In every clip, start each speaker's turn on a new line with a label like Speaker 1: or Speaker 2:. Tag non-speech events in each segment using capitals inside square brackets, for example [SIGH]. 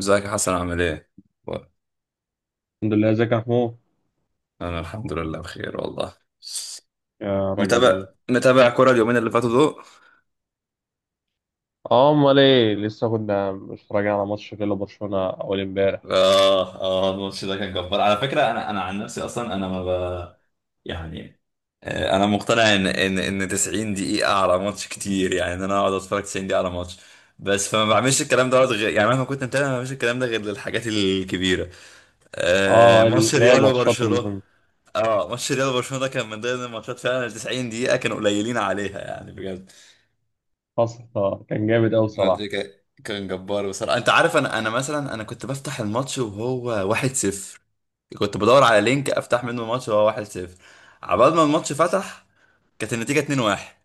Speaker 1: ازيك يا حسن عامل ايه؟ و-
Speaker 2: الحمد لله، ازيك يا محمود؟
Speaker 1: انا الحمد لله بخير والله.
Speaker 2: يا رب
Speaker 1: متابع.
Speaker 2: دايما.
Speaker 1: كرة اليومين اللي فاتوا دول.
Speaker 2: اه، امال ايه، لسه كنا متفرجين على ماتش كده، برشلونه اول امبارح.
Speaker 1: اه، اه، الماتش ده كان جبار على فكره. انا عن نفسي، اصلا انا ما ب... يعني، انا مقتنع ان 90 دقيقه على ماتش كتير، يعني ان انا اقعد اتفرج 90 دقيقه على ماتش. بس فما بعملش الكلام ده غير، يعني مهما كنت متابع ما بعملش الكلام ده غير للحاجات الكبيره.
Speaker 2: اه
Speaker 1: ماتش
Speaker 2: اللي هي
Speaker 1: ريال
Speaker 2: ماتشات
Speaker 1: وبرشلونه.
Speaker 2: المهمه.
Speaker 1: اه ماتش ريال وبرشلونه ده كان من ضمن الماتشات، فعلا ال 90 دقيقه كانوا قليلين عليها، يعني بجد.
Speaker 2: حصل. كان جامد قوي
Speaker 1: الماتش
Speaker 2: صراحه.
Speaker 1: كان جبار بصراحة. انت عارف، انا مثلا انا كنت بفتح الماتش وهو 1-0، كنت بدور على لينك افتح منه الماتش وهو 1-0، عبال ما الماتش فتح كانت النتيجة 2-1.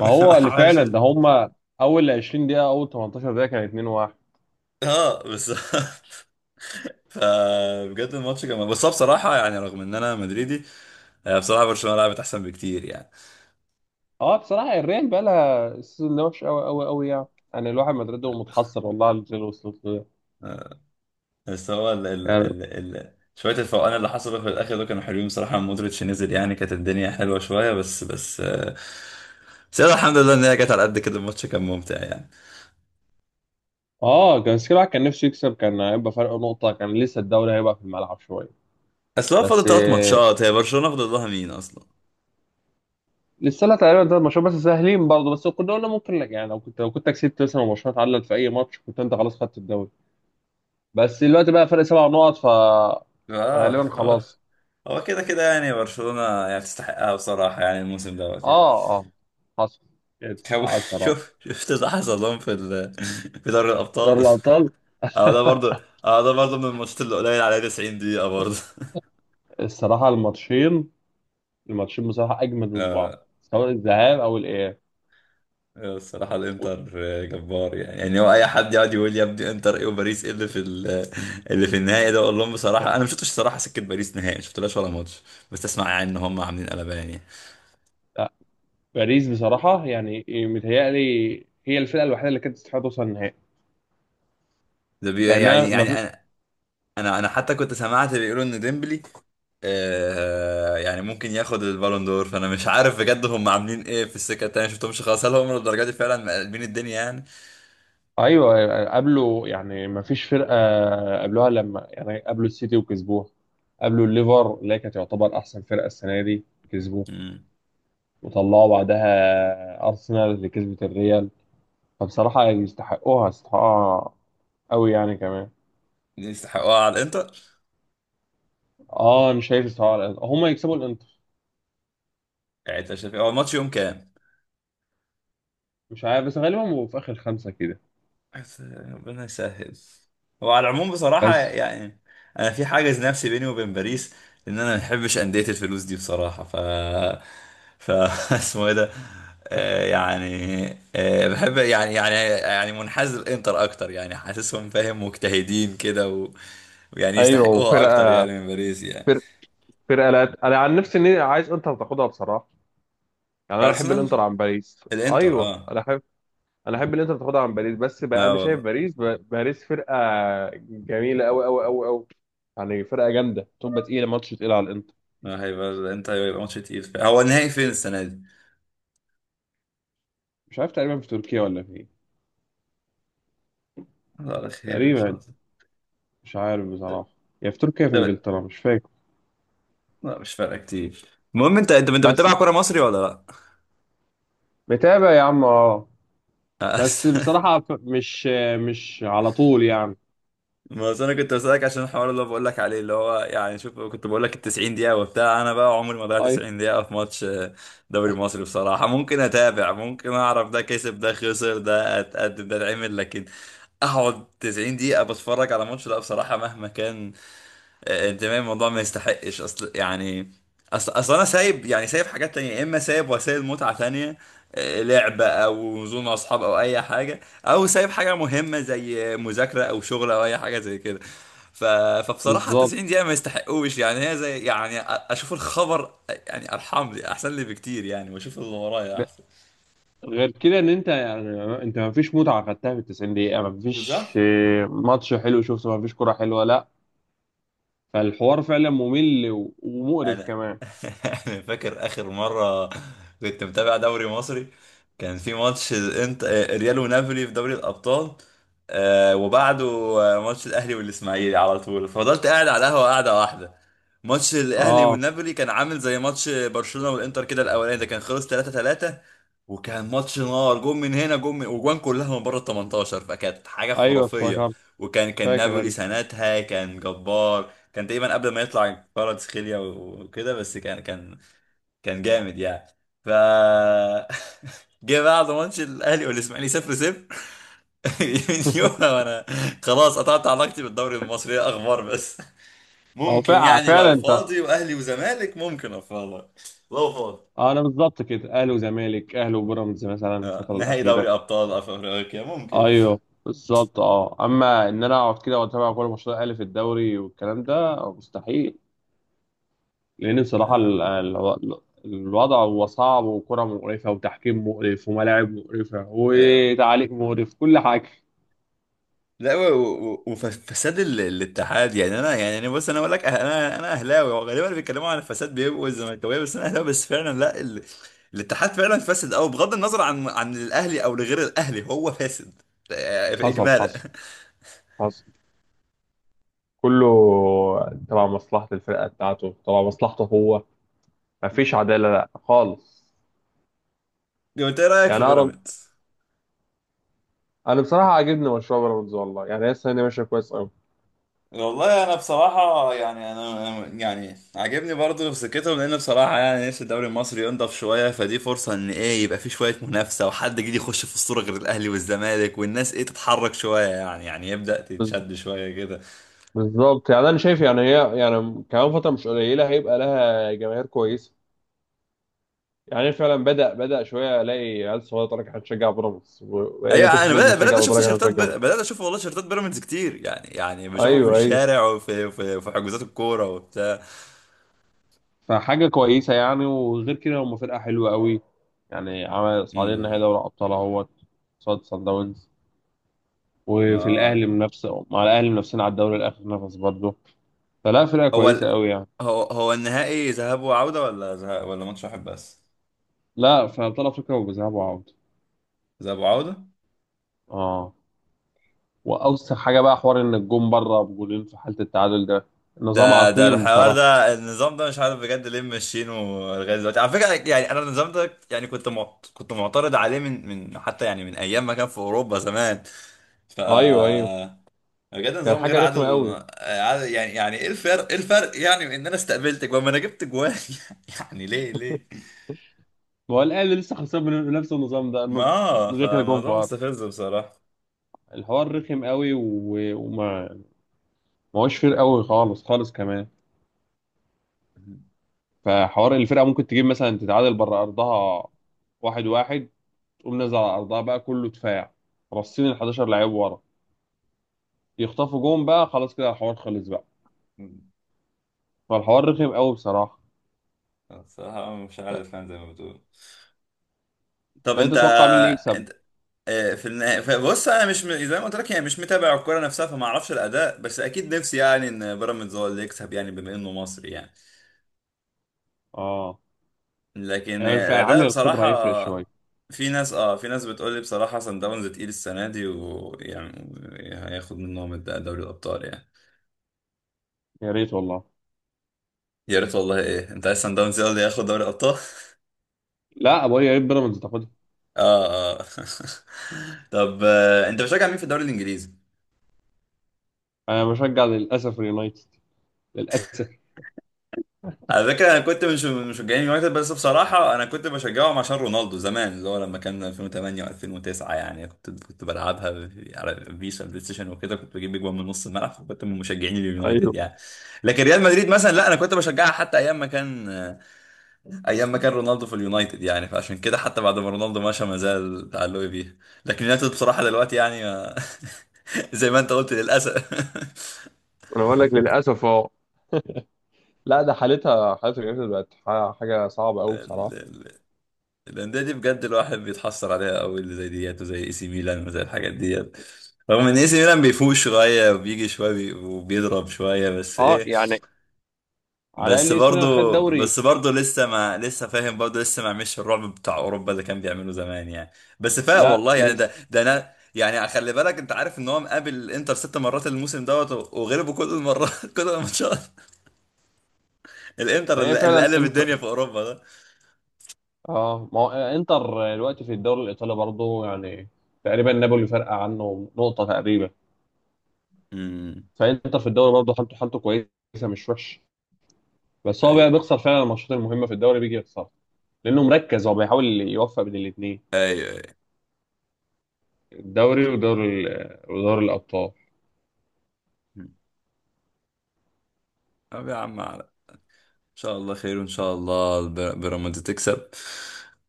Speaker 2: ما هو اللي فعلا
Speaker 1: عشان،
Speaker 2: ده هما، اول 20 دقيقه، اول 18 دقيقه كان 2-1.
Speaker 1: اه بالظبط. [LAUGHS] فبجد الماتش كان، بس هو بصراحة، يعني رغم ان انا مدريدي، بصراحة برشلونة لعبت احسن بكتير يعني.
Speaker 2: اه بصراحه الريال بقى لها السيزون ده وحش قوي قوي قوي يعني. يعني الواحد مدريده متحسر والله على اللي وصلت له ده.
Speaker 1: بس هو
Speaker 2: يعني
Speaker 1: ال شوية الفوقان اللي حصلوا في الآخر دول كانوا حلوين بصراحة، لما مودريتش نزل يعني كانت الدنيا حلوة شوية. بس يلا الحمد لله إن هي جت على قد كده، الماتش كان ممتع يعني.
Speaker 2: اه كان، بس كده الواحد كان نفسه يكسب، كان هيبقى فرق نقطه، كان لسه الدوري هيبقى في الملعب شويه.
Speaker 1: أصل هو فاضل
Speaker 2: بس
Speaker 1: تلات ماتشات، هي برشلونة فاضل لها مين أصلا؟
Speaker 2: لسه لا، تقريبا ده المشروع بس سهلين برضه، بس كنا قلنا ممكن لك يعني، لو كنت لو كنت كسبت مثلا وبرشلونه اتعادلت في اي ماتش كنت انت خلاص خدت الدوري. بس دلوقتي بقى فرق سبع نقط ف غالبا
Speaker 1: هو
Speaker 2: خلاص.
Speaker 1: هو كده كده، يعني برشلونة يعني تستحقها بصراحة، يعني الموسم دوت يعني.
Speaker 2: اه اه حصل.
Speaker 1: هو-
Speaker 2: يتسحقها
Speaker 1: [LAUGHS]
Speaker 2: بصراحه.
Speaker 1: شوف، شفت اللي حصل لهم في في دوري
Speaker 2: دوري
Speaker 1: الأبطال.
Speaker 2: الابطال.
Speaker 1: اه ده برضه،
Speaker 2: [LAUGHS]
Speaker 1: من الماتشات اللي قليل عليها 90 دقيقة برضه.
Speaker 2: الصراحه الماتشين، بصراحه اجمد
Speaker 1: [LAUGHS]
Speaker 2: من بعض،
Speaker 1: اه،
Speaker 2: سواء الذهاب او الاياب.
Speaker 1: الصراحة
Speaker 2: و-
Speaker 1: الانتر جبار يعني. هو اي حد يقعد يقول يا ابني انتر ايه وباريس ايه اللي في اللي في النهائي ده، اقول لهم بصراحة
Speaker 2: لا،
Speaker 1: انا ما شفتش الصراحة، سكة باريس نهائي ما شفتلهاش ولا ماتش. بس اسمع، يعني ان هم عاملين قلبان يعني.
Speaker 2: لا، باريس بصراحه يعني متهيألي هي الفرقه الوحيده اللي كانت تستحق توصل النهائي،
Speaker 1: ده بي
Speaker 2: لانها
Speaker 1: يعني يعني
Speaker 2: ما...
Speaker 1: انا انا حتى كنت سمعت بيقولوا ان ديمبلي يعني ممكن ياخد البالون دور. فانا مش عارف بجد هم عاملين ايه في السكة التانية، ما شفتهمش خالص. هل هم للدرجة دي فعلا مقلبين الدنيا يعني؟
Speaker 2: ايوه قابلوا يعني، ما فيش فرقه قابلوها، لما يعني قابلوا السيتي وكسبوها، قابلوا الليفر اللي هي كانت تعتبر احسن فرقه السنه دي، كسبوه
Speaker 1: امم.
Speaker 2: وطلعوا بعدها ارسنال اللي كسبت الريال. فبصراحه يعني يستحقوها، يستحقوها قوي يعني كمان.
Speaker 1: يستحقوها على الانتر.
Speaker 2: اه انا شايف يستحقوها، هم يكسبوا الانتر.
Speaker 1: يعني انت شايف إيه؟ هو الماتش يوم كام؟
Speaker 2: مش عارف، بس غالبا هو في اخر خمسه كده.
Speaker 1: بس ربنا يسهل. وعلى العموم بصراحة،
Speaker 2: بس
Speaker 1: يعني أنا في حاجز نفسي بيني وبين باريس، لأن أنا ما بحبش أندية الفلوس دي بصراحة. ف ف [LAUGHS] اسمه إيه ده، آه، يعني بحب يعني، منحاز للإنتر أكتر، يعني حاسسهم فاهم مجتهدين كده و... ويعني
Speaker 2: ايوه
Speaker 1: يستحقوها أكتر
Speaker 2: وفرقه،
Speaker 1: يعني من باريس يعني.
Speaker 2: فرقه فرقه لا انا عن نفسي اني عايز انتر تاخدها بصراحه، يعني انا احب الانتر
Speaker 1: أرسنال.
Speaker 2: عن باريس.
Speaker 1: الإنتر،
Speaker 2: ايوه،
Speaker 1: أه.
Speaker 2: انا احب الانتر تاخدها عن باريس، بس بقى
Speaker 1: لا
Speaker 2: انا شايف
Speaker 1: والله.
Speaker 2: باريس ب... باريس فرقه جميله قوي قوي قوي قوي، يعني فرقه جامده تبقى تقيله، ماتش تقيل على الانتر.
Speaker 1: لا، هيبقى الإنتر هيبقى ماتش تقيل. هو النهائي فين السنة دي؟
Speaker 2: مش عارف، تقريبا في تركيا ولا في ايه.
Speaker 1: الله على خير إن شاء
Speaker 2: تقريبا
Speaker 1: الله.
Speaker 2: مش عارف بصراحه، يا في تركيا يا في
Speaker 1: ده
Speaker 2: انجلترا، مش فاكر.
Speaker 1: لا مش فارقه كتير. المهم، انت
Speaker 2: بس
Speaker 1: بتتابع كوره مصري ولا لا؟
Speaker 2: متابع يا عم، اه. بس
Speaker 1: أص- [LAUGHS]
Speaker 2: بصراحه مش، مش على طول يعني.
Speaker 1: ما اصل انا كنت بسألك عشان الحوار اللي بقول لك عليه، اللي هو يعني شوف كنت بقول لك ال 90 دقيقة وبتاع. انا بقى عمري ما ضيعت
Speaker 2: اي
Speaker 1: 90 دقيقة في ماتش. دوري مصري بصراحة ممكن اتابع، ممكن اعرف ده كسب ده خسر ده اتقدم ده اتعمل، لكن اقعد 90 دقيقة بتفرج على ماتش لا بصراحة مهما كان. انت فاهم الموضوع ما يستحقش. اصل يعني اصل اصل انا سايب، يعني سايب حاجات تانية، يا اما سايب وسائل متعة تانية، لعبة او نزول مع اصحاب او اي حاجة، او سايب حاجة مهمة زي مذاكرة او شغل او اي حاجة زي كده. ف... فبصراحة 90
Speaker 2: بالظبط.
Speaker 1: دقيقة ما يستحقوش، يعني هي زي يعني اشوف الخبر يعني، ارحم لي احسن لي بكتير يعني، واشوف اللي ورايا
Speaker 2: ب-
Speaker 1: احسن.
Speaker 2: غير كده ان انت يعني، انت ما فيش متعه خدتها في 90 دقيقه، ما فيش
Speaker 1: بالظبط.
Speaker 2: ماتش حلو شفته، ما فيش كره حلوه، لا. فالحوار فعلا ممل ومقرف
Speaker 1: انا
Speaker 2: كمان.
Speaker 1: [LAUGHS] أنا فاكر اخر مره كنت متابع دوري مصري، كان في ماتش ريال ونابولي في دوري الابطال، وبعده، ماتش الاهلي والاسماعيلي على طول. فضلت قاعد على القهوه قاعده واحده. ماتش الاهلي
Speaker 2: اه
Speaker 1: والنابولي كان عامل زي ماتش برشلونه والانتر كده، الاولاني ده كان خلص 3 3، وكان ماتش نار، جون من هنا جون من، وجوان كلها من بره ال 18، فكانت حاجه
Speaker 2: ايوه
Speaker 1: خرافيه.
Speaker 2: افتكرت.
Speaker 1: وكان
Speaker 2: فاكر
Speaker 1: نابولي
Speaker 2: انا.
Speaker 1: سنتها كان جبار، كان تقريبا قبل ما يطلع فرد سخيليا وكده، بس كان جامد يعني. ف [LAUGHS] جه بعد ماتش الاهلي والاسماعيلي 0 0. [LAUGHS] من يومها
Speaker 2: [LAUGHS]
Speaker 1: وانا خلاص قطعت علاقتي بالدوري المصري، هي اخبار بس. ممكن يعني
Speaker 2: فعلا
Speaker 1: لو
Speaker 2: انت.
Speaker 1: فاضي واهلي وزمالك ممكن اتفرج، لو فاضي،
Speaker 2: انا بالظبط كده، اهلي وزمالك، اهلي وبيراميدز مثلا الفتره
Speaker 1: نهائي
Speaker 2: الاخيره.
Speaker 1: دوري ابطال افريقيا ممكن.
Speaker 2: ايوه بالظبط. اه اما ان انا اقعد كده واتابع كل ماتشات الاهلي في الدوري والكلام ده مستحيل، لان بصراحه الوضع هو صعب، وكره مقرفه، وتحكيم مقرف، وملاعب مقرفه،
Speaker 1: آه.
Speaker 2: وتعليق مقرف، كل حاجه.
Speaker 1: لا، وفساد الاتحاد. يعني انا، يعني انا بص انا بقول لك انا اهلاوي، وغالبا اللي بيتكلموا عن الفساد بيبقوا الزملكاويه، بس انا اهلاوي، بس فعلا لا، الاتحاد فعلا فاسد. او بغض النظر عن الاهلي او لغير الاهلي، هو فاسد
Speaker 2: حصل
Speaker 1: اجمالا.
Speaker 2: حصل حصل. كله تبع مصلحة الفرقة بتاعته، تبع مصلحته هو. مفيش
Speaker 1: [LAUGHS]
Speaker 2: عدالة لا خالص.
Speaker 1: انت ايه رايك في
Speaker 2: يعني أنا،
Speaker 1: بيراميدز؟
Speaker 2: بصراحة عاجبني مشروع بيراميدز والله، يعني هي السنة دي ماشية كويس أوي.
Speaker 1: والله انا بصراحه يعني يعني عاجبني برضه في سكتهم، لان بصراحه يعني نفسي الدوري المصري ينضف شويه. فدي فرصه ان ايه يبقى في شويه منافسه وحد جديد يخش في الصوره غير الاهلي والزمالك، والناس ايه تتحرك شويه يعني. يبدا
Speaker 2: بز-
Speaker 1: تتشد شويه كده.
Speaker 2: بالظبط، يعني أنا شايف يعني هي يعني كمان فترة مش قليلة هيبقى لها جماهير كويسة. يعني فعلا بدأ، شوية ألاقي عيال صغيرة تقول لك إحنا بنشجع بيراميدز، وبقيت
Speaker 1: ايوه
Speaker 2: أشوف
Speaker 1: انا
Speaker 2: ناس
Speaker 1: بدات
Speaker 2: بتشجع
Speaker 1: اشوف
Speaker 2: وتقول لك إحنا
Speaker 1: تيشيرتات
Speaker 2: بنشجع بيراميدز.
Speaker 1: بدات اشوف والله تيشيرتات بيراميدز كتير يعني. بشوفهم في
Speaker 2: أيوه أيوه.
Speaker 1: الشارع، في حجوزات الكوره وبتاع.
Speaker 2: فحاجة كويسة يعني، وغير كده هم فرقة حلوة أوي. يعني عمل صعدين نهائي
Speaker 1: امم.
Speaker 2: دوري أبطال أهوت، صاد صن داونز. وفي
Speaker 1: اه،
Speaker 2: الاهلي منافسه، مع الاهلي منافسين على الدوري لاخر نفس برضه. فلا، فرقه
Speaker 1: هو
Speaker 2: كويسه قوي يعني.
Speaker 1: هو النهائي ذهاب وعوده ولا ولا ماتش واحد بس؟
Speaker 2: لا في ابطال افريقيا، وبذهاب وعوده.
Speaker 1: ذهاب وعوده.
Speaker 2: اه. واوسخ حاجه بقى حوار ان الجون بره بجولين في حاله التعادل ده، نظام
Speaker 1: ده
Speaker 2: عقيم
Speaker 1: الحوار
Speaker 2: بصراحه.
Speaker 1: ده، النظام ده مش عارف بجد ليه ماشيينه لغايه دلوقتي. على فكره يعني انا النظام ده يعني كنت معترض عليه من، من حتى يعني، من ايام ما كان في اوروبا زمان. ف
Speaker 2: ايوه ايوه.
Speaker 1: بجد
Speaker 2: كان
Speaker 1: نظام غير
Speaker 2: حاجه رخمه
Speaker 1: عادل.
Speaker 2: قوي.
Speaker 1: يعني، ايه الفرق، يعني من ان انا استقبلتك، وما انا جبت جوان. [LAUGHS] يعني ليه، ليه؟
Speaker 2: هو الاهلي لسه خسران من نفس النظام ده،
Speaker 1: ما
Speaker 2: انه
Speaker 1: آه،
Speaker 2: دخل جون في
Speaker 1: فموضوع
Speaker 2: ارض.
Speaker 1: مستفز بصراحه.
Speaker 2: الحوار رخم قوي، ما هوش فرق قوي خالص، خالص كمان. فحوار الفرقه ممكن تجيب مثلا، تتعادل بره ارضها واحد واحد، تقوم نازل على ارضها بقى كله دفاع رصين، ال 11 لعيب ورا، يخطفوا جون بقى خلاص كده الحوار خلص بقى. فالحوار رخم قوي بصراحه.
Speaker 1: [LAUGHS] بصراحه مش
Speaker 2: ط-
Speaker 1: عارف، يعني زي ما بتقول. طب
Speaker 2: طب انت
Speaker 1: انت،
Speaker 2: تتوقع مين اللي يكسب؟
Speaker 1: انت في النهاية، فبص انا مش م- زي ما قلت لك، يعني مش متابع الكوره نفسها فما اعرفش الاداء، بس اكيد نفسي يعني ان بيراميدز هو اللي يكسب، يعني بما انه مصري يعني.
Speaker 2: اه
Speaker 1: لكن
Speaker 2: يعني في
Speaker 1: الاداء
Speaker 2: عامل
Speaker 1: بصراحه.
Speaker 2: الخبره هيفرق شويه.
Speaker 1: في ناس، بتقول لي بصراحه سان داونز تقيل السنه دي، ويعني هياخد منهم دوري الابطال يعني.
Speaker 2: يا ريت والله.
Speaker 1: يا ريت والله. ايه انت عايز سان داونز هو اللي ياخد دوري الابطال؟ [LAUGHS]
Speaker 2: لا بقول يا ريت بيراميدز تاخدها.
Speaker 1: اه، اه. [LAUGHS] طب، انت بتشجع مين في الدوري الانجليزي؟
Speaker 2: انا بشجع للاسف اليونايتد، للاسف.
Speaker 1: على فكره انا كنت مش من مشجعين اليونايتد، بس بصراحه انا كنت بشجعهم عشان رونالدو زمان، اللي هو لما كان 2008 و2009، يعني كنت بلعبها على فيشا بلاي ستيشن وكده، كنت بجيب اجوان من نص الملعب، فكنت من مشجعين اليونايتد
Speaker 2: ايوه
Speaker 1: يعني. لكن ريال مدريد مثلا لا، انا كنت بشجعها حتى ايام ما كان، ايام ما كان رونالدو في اليونايتد يعني، فعشان كده حتى بعد ما رونالدو مشى ما زال تعلقي بيها. لكن اليونايتد بصراحه دلوقتي يعني، [LAUGHS] زي ما انت قلت للاسف.
Speaker 2: انا بقول لك للاسف اه. لا ده حالتها، حالتها اليونايتد بقت حاجه صعبه
Speaker 1: [LAUGHS]
Speaker 2: قوي بصراحه.
Speaker 1: الانديه دي بجد الواحد بيتحسر عليها قوي، اللي زي ديت، وزي اي سي ميلان، وزي الحاجات ديت. رغم ان اي سي ميلان بيفوق شويه وبيجي شويه وبيضرب شويه، بس
Speaker 2: اه
Speaker 1: ايه،
Speaker 2: يعني على
Speaker 1: بس
Speaker 2: الاقل اسمنا خد
Speaker 1: برضه،
Speaker 2: دوري.
Speaker 1: بس برضه لسه ما، لسه فاهم برضه لسه ما عملش الرعب بتاع اوروبا اللي كان بيعمله زمان يعني. بس فاق
Speaker 2: لا
Speaker 1: والله يعني. ده
Speaker 2: لسه.
Speaker 1: ده انا يعني خلي بالك، انت عارف ان هو مقابل الانتر ست مرات الموسم دوت، وغلبه كل المرات. [LAUGHS] كل الماتشات، الانتر
Speaker 2: ما هي
Speaker 1: اللي
Speaker 2: فعلا
Speaker 1: قلب
Speaker 2: انت.
Speaker 1: الدنيا في اوروبا ده.
Speaker 2: اه ما هو انتر دلوقتي في الدوري الايطالي برضه يعني، تقريبا نابولي فارقه عنه نقطه تقريبا.
Speaker 1: امم.
Speaker 2: فانتر في الدوري برضه حالته، حالته كويسه مش وحش. بس هو بقى
Speaker 1: ايوه،
Speaker 2: بيخسر فعلا الماتشات المهمه، في الدوري بيجي يخسر، لانه مركز، هو بيحاول يوفق بين الاثنين،
Speaker 1: ايوه، ايوه.
Speaker 2: الدوري ودوري الابطال.
Speaker 1: طب يا عم، شاء الله خير، وإن شاء الله بيراميدز تكسب.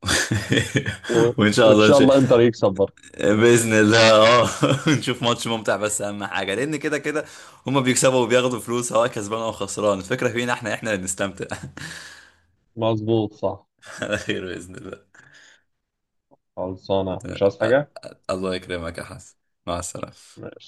Speaker 1: [LAUGHS]
Speaker 2: و...
Speaker 1: وإن شاء
Speaker 2: وان
Speaker 1: الله
Speaker 2: شاء الله انتر يكسب برضه.
Speaker 1: بإذن الله، اه. [LAUGHS] نشوف ماتش ممتع بس، أهم حاجة، لأن كده كده هما بيكسبوا وبياخدوا فلوس سواء كسبان أو خسران. الفكرة فينا احنا، اللي بنستمتع.
Speaker 2: مظبوط صح.
Speaker 1: [LAUGHS] على خير بإذن الله.
Speaker 2: خلصانه مش عايز حاجه.
Speaker 1: [LAUGHS] الله يكرمك يا حسن، مع السلامة.
Speaker 2: ماشي.